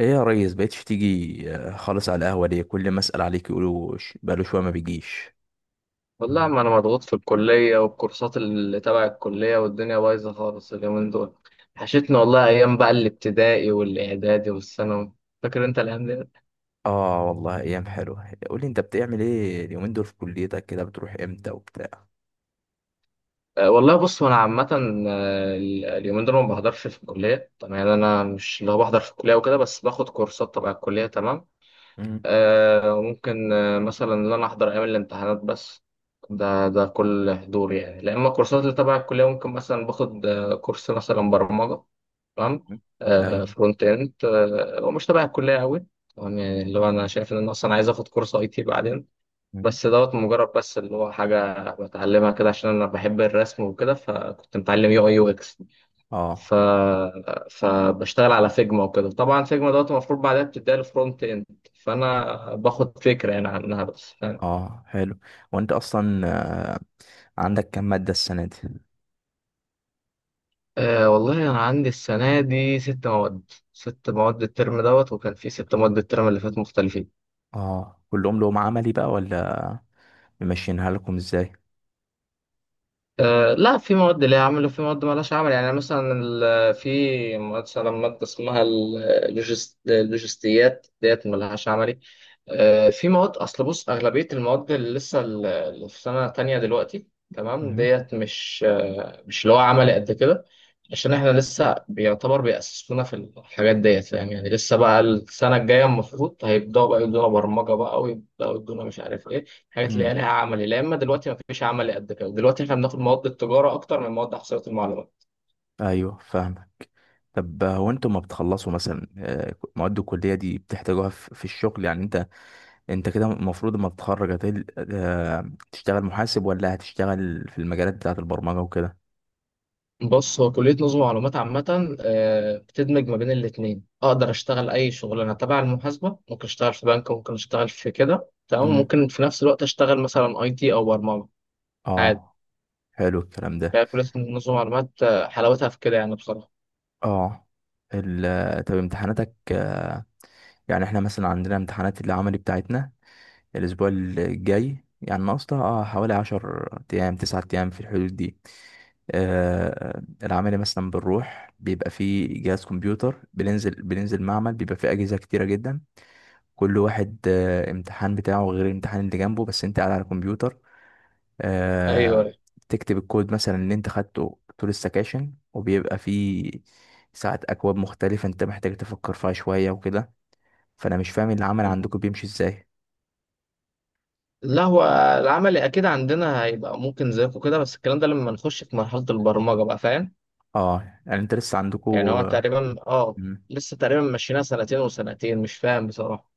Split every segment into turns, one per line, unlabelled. ايه يا ريس بقيتش تيجي خالص على القهوة؟ ليه كل ما اسأل عليك يقولوا بقاله شوية ما بيجيش.
والله ما انا مضغوط في الكليه والكورسات اللي تبع الكليه والدنيا بايظه خالص اليومين دول. وحشتني والله ايام بقى الابتدائي والاعدادي والثانوي. فاكر انت الايام دي؟
اه والله ايام حلوة. قولي انت بتعمل ايه اليومين دول في كليتك؟ كده بتروح امتى وبتاع؟
أه والله بص وانا عامه اليومين دول ما بحضرش في الكليه طبعا، يعني انا مش اللي هو بحضر في الكليه وكده، بس باخد كورسات تبع الكليه. تمام.
مم.
أه ممكن مثلا ان انا احضر ايام الامتحانات بس. ده كل حضور يعني، لا اما الكورسات اللي تبع الكليه ممكن مثلا باخد كورس مثلا برمجه. تمام. آه
ايوه.
فرونت اند، آه هو مش تبع الكليه قوي. تمام، يعني اللي هو انا شايف ان انا اصلا عايز اخد كورس اي تي بعدين،
مم.
بس دوت مجرد، بس اللي هو حاجه بتعلمها كده عشان انا بحب الرسم وكده، فكنت متعلم يو اي يو اكس.
اه.
ف فبشتغل على فيجما وكده، طبعا فيجما دوت المفروض بعدها بتديها الفرونت اند. فانا باخد فكره يعني عنها، بس فاهم؟
اه حلو. وانت اصلا آه، عندك كام مادة السنة دي؟
أه والله انا عندي السنه دي ست مواد. ست مواد الترم دوت، وكان في ست مواد الترم اللي فات مختلفين.
اه كلهم لهم عملي بقى ولا ممشينها لكم ازاي؟
أه لا، في مواد ليها عمل وفي مواد مالهاش عمل. يعني مثلا في مثلا مادة اسمها اللوجستيات ديت مالهاش عملي. أه في مواد، أصل بص أغلبية المواد اللي لسه اللي في سنة تانية دلوقتي، تمام،
مم.
ديت مش مش اللي هو عملي قد كده، عشان احنا لسه بيعتبر بيأسسونا في الحاجات ديت، فاهم؟ يعني لسه بقى السنة الجاية المفروض هيبدأوا بقى يدونا برمجة بقى، ويبدأوا يدونا مش عارف ايه، حاجات اللي هي
امم.
لها عملي. لا اما دلوقتي ما فيش عملي قد كده، دلوقتي احنا بناخد مواد التجاره اكتر من مواد احصائيه المعلومات.
ايوه فاهمك. طب هو انتوا ما بتخلصوا مثلا مواد الكليه دي بتحتاجوها في الشغل؟ يعني انت انت كده المفروض لما تتخرج تشتغل محاسب ولا هتشتغل في المجالات بتاعة البرمجة وكده؟
بص هو كليه نظم معلومات عامه بتدمج ما بين الاثنين. اقدر اشتغل اي شغلانه تبع المحاسبه، ممكن اشتغل في بنك، ممكن اشتغل في كده، تمام،
مم.
ممكن في نفس الوقت اشتغل مثلا اي تي او برمجه، عادي.
اه حلو الكلام ده.
فكليه نظم معلومات حلاوتها في كده يعني بصراحه.
اه طب امتحاناتك، يعني احنا مثلا عندنا امتحانات العملي بتاعتنا الاسبوع الجاي، يعني ناقصها اه حوالي 10 ايام، 9 ايام، في الحدود دي. آه العملي مثلا بنروح بيبقى فيه جهاز كمبيوتر، بننزل معمل بيبقى فيه اجهزة كتيرة جدا. كل واحد امتحان بتاعه غير الامتحان اللي جنبه، بس انت قاعد على الكمبيوتر، آه،
ايوه.
تكتب الكود مثلا اللي انت خدته طول السكاشن. وبيبقى فيه ساعات اكواد مختلفة انت محتاج تفكر فيها شوية وكده. فانا مش فاهم العمل عندكم بيمشي ازاي.
لا، هو العملي اكيد عندنا هيبقى ممكن زيكم كده، بس الكلام ده لما نخش في مرحله البرمجه بقى، فاهم؟
اه يعني انت لسه عندكم.
يعني هو تقريبا، اه لسه تقريبا ماشيينها سنتين وسنتين، مش فاهم بصراحة.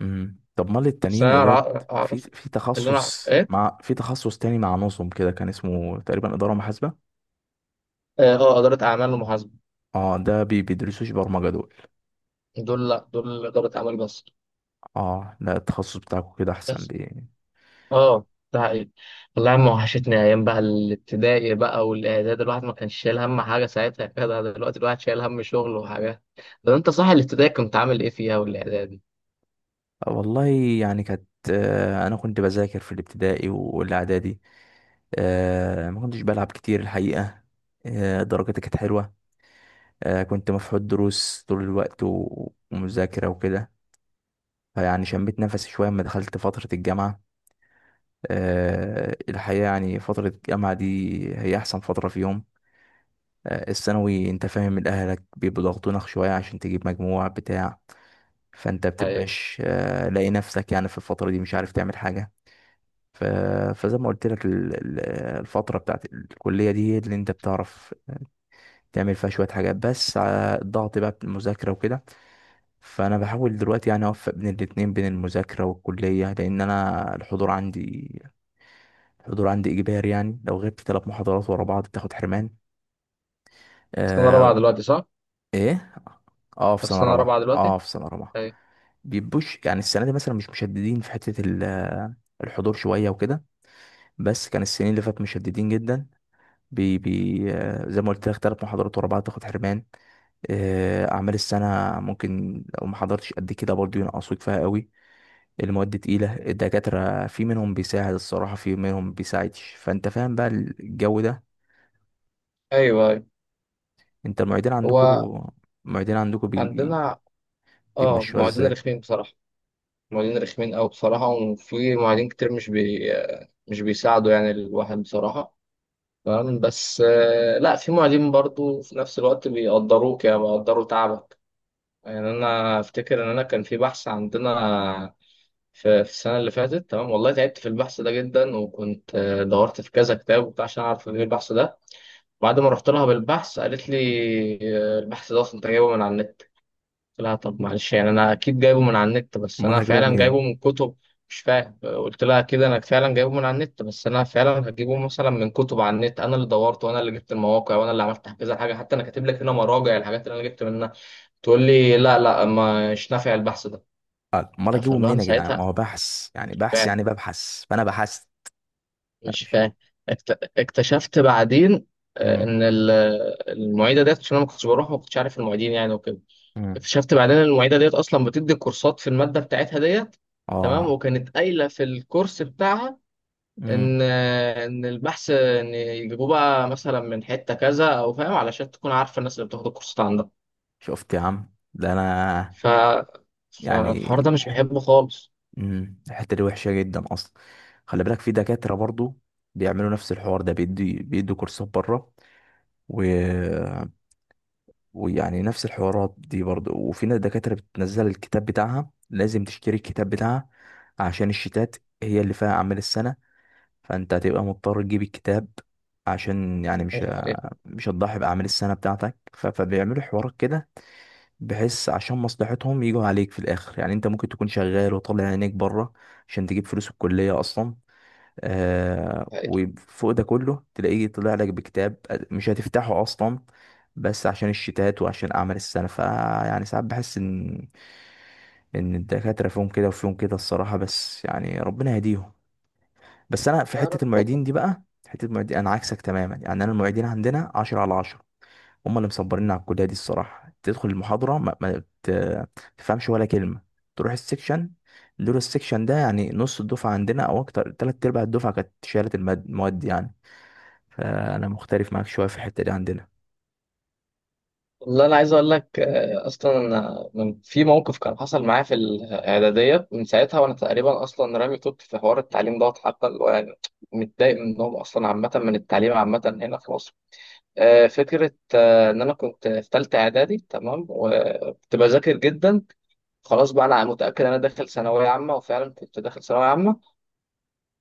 طب امال
بس
التانيين اللي
أنا
هو في
أعرف.
في تخصص
إيه؟
مع، في تخصص تاني مع نظم كده كان اسمه تقريبا إدارة محاسبة.
آه إدارة أعمال ومحاسبة.
اه ده بيدرسوش برمجة دول؟
دول لأ، دول إدارة أعمال بس.
اه لا التخصص بتاعكم كده احسن،
بس
بي.
آه، ده حقيقي. والله يا عم وحشتني أيام بقى الابتدائي بقى والإعداد، الواحد ما كانش شايل هم حاجة ساعتها كده، دلوقتي الواحد شايل هم شغل وحاجات. طب أنت صح، الابتدائي كنت عامل إيه فيها والإعدادي؟
والله يعني كانت انا كنت بذاكر في الابتدائي والاعدادي، ما كنتش بلعب كتير الحقيقه، درجتي كانت حلوه، كنت مفحوط دروس طول الوقت ومذاكره وكده. فيعني شميت نفسي شويه لما دخلت فتره الجامعه. الحقيقه يعني فتره الجامعه دي هي احسن فتره فيهم. الثانوي انت فاهم، من اهلك بيبقوا ضاغطينك شويه عشان تجيب مجموع بتاع. فانت
حقيقي.
بتبقاش لاقي نفسك يعني في الفتره دي مش عارف تعمل حاجه. ف- فزي ما قلت لك الفترة بتاعت الكلية دي هي اللي انت بتعرف تعمل فيها شوية حاجات بس على الضغط بقى بالمذاكرة وكده. فأنا بحاول دلوقتي يعني أوفق بين الاتنين، بين المذاكرة والكلية، لأن أنا الحضور عندي إجباري. يعني لو غبت 3 محاضرات ورا بعض بتاخد حرمان.
سنة رابعة
آه.
دلوقتي صح؟
إيه؟ اه في
أنت في
سنة
سنة رابعة
رابعة،
دلوقتي؟
اه في سنة رابعة.
أيوه
بيبوش يعني السنة دي مثلا مش مشددين في الحضور شوية وكده، بس كان السنين اللي فاتت مشددين جدا. بي بي زي ما قلت لك 3 محاضرات ورا بعض تاخد حرمان، أعمال السنة ممكن لو ما حضرتش قد كده برضه ينقصوك فيها قوي. المواد تقيلة، الدكاترة في منهم بيساعد الصراحة في منهم بيساعدش، فأنت فاهم بقى الجو ده.
أيوه أيوه.
أنت المعيدين
هو
عندكوا، المعيدين عندكوا بي بي
عندنا آه،
بيمشوها
معيدين
ازاي؟
رخمين بصراحة. معيدين رخمين أوي بصراحة، وفي معيدين كتير مش بيساعدوا يعني الواحد بصراحة. تمام، بس لا في معيدين برضو في نفس الوقت بيقدروك، يعني بيقدروا تعبك. يعني أنا أفتكر إن أنا كان في بحث عندنا في السنة اللي فاتت، تمام، والله تعبت في البحث ده جدا، وكنت دورت في كذا كتاب وبتاع عشان أعرف إيه البحث ده. بعد ما رحت لها بالبحث قالت لي البحث ده أصلا أنت جايبه من على النت. لا طب معلش، يعني انا اكيد جايبه من على النت بس
أمال
انا
هجيبه
فعلا
منين؟
جايبه من كتب. مش فاهم. قلت لها كده، انا فعلا جايبه من على النت، بس انا فعلا هجيبه مثلا من كتب على النت، انا اللي دورت وانا اللي جبت المواقع وانا اللي عملت كذا حاجه، حتى انا كاتب لك هنا مراجع الحاجات اللي انا جبت منها. تقول لي لا لا، مش نافع البحث ده.
أمال هجيبه
فاللي هو
منين
انا
يا جدعان؟
ساعتها،
ما هو بحث يعني، بحث
فاهم؟
يعني ببحث فأنا بحثت. لا،
مش
مش.
فاهم. اكتشفت بعدين
مم.
ان المعيده ديت، عشان انا ما كنتش بروح، ما كنتش عارف المعيدين يعني وكده.
مم.
اكتشفت بعدين إن المعيده ديت اصلا بتدي كورسات في الماده بتاعتها ديت. تمام.
اه.
وكانت قايله في الكورس بتاعها
مم.
ان البحث ان يجيبوه بقى مثلا من حته كذا او، فاهم؟ علشان تكون عارفه الناس اللي بتاخد الكورسات عندها.
شفت يا عم ده، أنا
ف
يعني.
فالحوار ده مش بحبه خالص.
مم، الحتة دي وحشة جدا أصلا. خلي بالك في دكاترة برضو بيعملوا نفس الحوار ده، بيدوا كورسات بره، و... ويعني نفس الحوارات دي برضو. وفي ناس دكاترة بتنزل الكتاب بتاعها، لازم تشتري الكتاب بتاعها عشان الشتات هي اللي فيها أعمال السنة، فأنت هتبقى مضطر تجيب الكتاب عشان يعني
الحقيقة-
مش هتضحي بأعمال السنة بتاعتك. فبيعملوا حوارات كده بحيث عشان مصلحتهم يجوا عليك في الاخر. يعني انت ممكن تكون شغال وطالع عينيك بره عشان تجيب فلوس الكليه اصلا، آه
الحقيقة.
وفوق ده كله تلاقيه طلع لك بكتاب مش هتفتحه اصلا، بس عشان الشتات وعشان اعمال السنه. فيعني ساعات بحس ان ان الدكاتره فيهم كده وفيهم كده الصراحه، بس يعني ربنا يهديهم. بس انا في
يا
حته
رب.
المعيدين دي بقى، حته المعيدين انا عكسك تماما. يعني انا المعيدين عندنا 10 على 10، هم اللي مصبريننا على الكليه دي الصراحه. تدخل المحاضره ما تفهمش ولا كلمه، تروح السكشن. دول السكشن ده يعني نص الدفعه عندنا او اكتر تلات ارباع الدفعه كانت شالت المواد يعني. فانا مختلف معاك شويه في الحته دي عندنا.
والله انا عايز اقول لك اصلا أنا في موقف كان حصل معايا في الاعداديه، من ساعتها وانا تقريبا اصلا رامي توت في حوار التعليم دوت، حتى اللي هو يعني متضايق منهم اصلا عامه، من التعليم عامه هنا في مصر. فكره ان انا كنت في ثالثه اعدادي، تمام، وكنت بذاكر جدا. خلاص بقى انا متاكد ان انا داخل ثانويه عامه، وفعلا كنت داخل ثانويه عامه.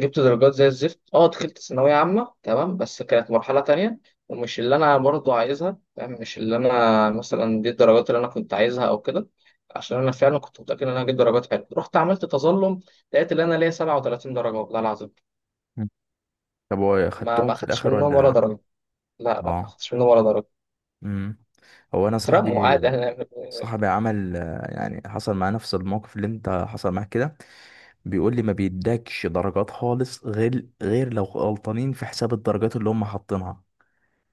جبت درجات زي الزفت. اه دخلت ثانوية عامة، تمام، بس كانت مرحلة تانية، ومش اللي أنا برضو عايزها، فاهم؟ مش اللي أنا مثلا، دي الدرجات اللي أنا كنت عايزها أو كده، عشان أنا فعلا كنت متأكد إن أنا هجيب درجات حلوة. رحت عملت تظلم، لقيت إن أنا ليا 37 درجة، والله العظيم.
مم. طب هو
ما
خدتهم
ما
في
أخدتش
الاخر
منهم ولا
ولا؟
درجة. لا لا، ما
اه.
أخدتش منهم ولا درجة.
امم. هو انا
اترموا
صاحبي،
عادي أنا.
صاحبي عمل يعني حصل معاه نفس الموقف اللي انت حصل معاك كده. بيقول لي ما بيدكش درجات خالص، غير لو غلطانين في حساب الدرجات اللي هم حاطينها،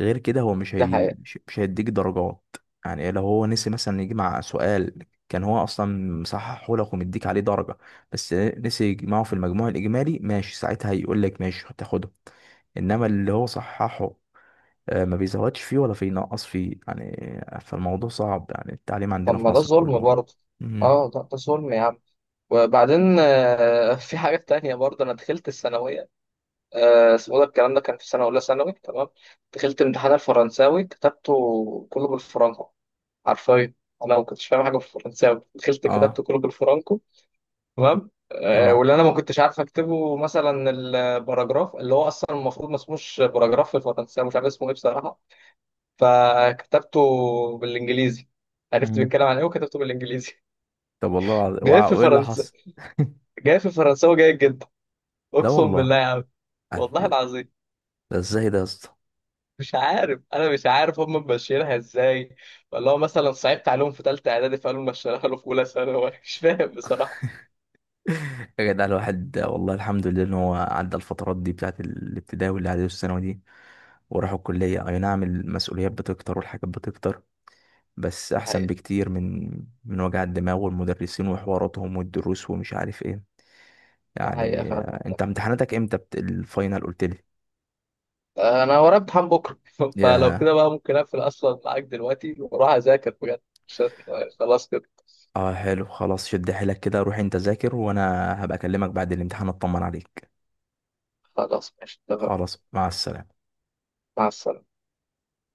غير كده هو
ده حقيقة.
مش هيديك درجات. يعني لو هو نسي مثلا يجمع سؤال كان هو اصلا مصححه لك ومديك عليه درجه، بس نسي يجمعه في المجموع الاجمالي، ماشي ساعتها هيقول لك ماشي هتاخده. انما اللي هو صححه ما بيزودش فيه ولا بينقص فيه يعني. فالموضوع صعب، يعني التعليم
طب
عندنا في
ما ده
مصر
ظلم
كله.
برضه.
مم.
اه ده ظلم يا عم. وبعدين في حاجة تانية برضه أنا دخلت الثانوية. اسمه، ده الكلام ده كان في سنة أولى ثانوي، تمام. دخلت امتحان الفرنساوي كتبته كله بالفرنكو، حرفيا. أنا ما كنتش فاهم حاجة في الفرنساوي، دخلت كتبته
اه.
كله بالفرنكو. تمام
اه.
واللي أنا ما كنتش عارف أكتبه مثلا الباراجراف، اللي هو أصلا المفروض ما اسموش باراجراف في الفرنساوي، مش عارف اسمه إيه بصراحة. فكتبته بالإنجليزي، عرفت
مم.
بيتكلم عن إيه وكتبته بالإنجليزي
طب والله العظيم
جاي في
وايه اللي
فرنسا،
حصل؟
جاي في فرنساوي جيد جدا.
لا
أقسم بالله
والله
يا عم. والله العظيم.
ده ازاي ده يا اسطى؟
مش عارف، انا مش عارف هم ماشيينها ازاي، ولا هو مثلا صعبت عليهم في ثالثه اعدادي فقالوا ماشيينها له في اولى ثانوي مش فاهم بصراحه.
يا جدع الواحد والله الحمد لله ان هو عدى الفترات دي بتاعت الابتدائي والاعدادي والثانوي دي، وراح الكليه. اي نعم المسؤوليات بتكتر والحاجات بتكتر، بس
ده
احسن
حقيقه.
بكتير من وجع الدماغ والمدرسين وحواراتهم والدروس ومش عارف ايه.
ده حقيقه
يعني
فعلا والله.
انت امتحاناتك امتى؟ الفاينل قلت لي.
انا ورايا امتحان بكره فلو
يا
كده بقى ممكن اقفل اصلا معاك دلوقتي واروح اذاكر بجد. مش هت- خلاص كده.
اه حلو خلاص، شد حيلك كده، روح انت ذاكر وانا هبقى اكلمك بعد الامتحان اطمن عليك.
خلاص ماشي تمام.
خلاص مع السلامه.
مع السلامه.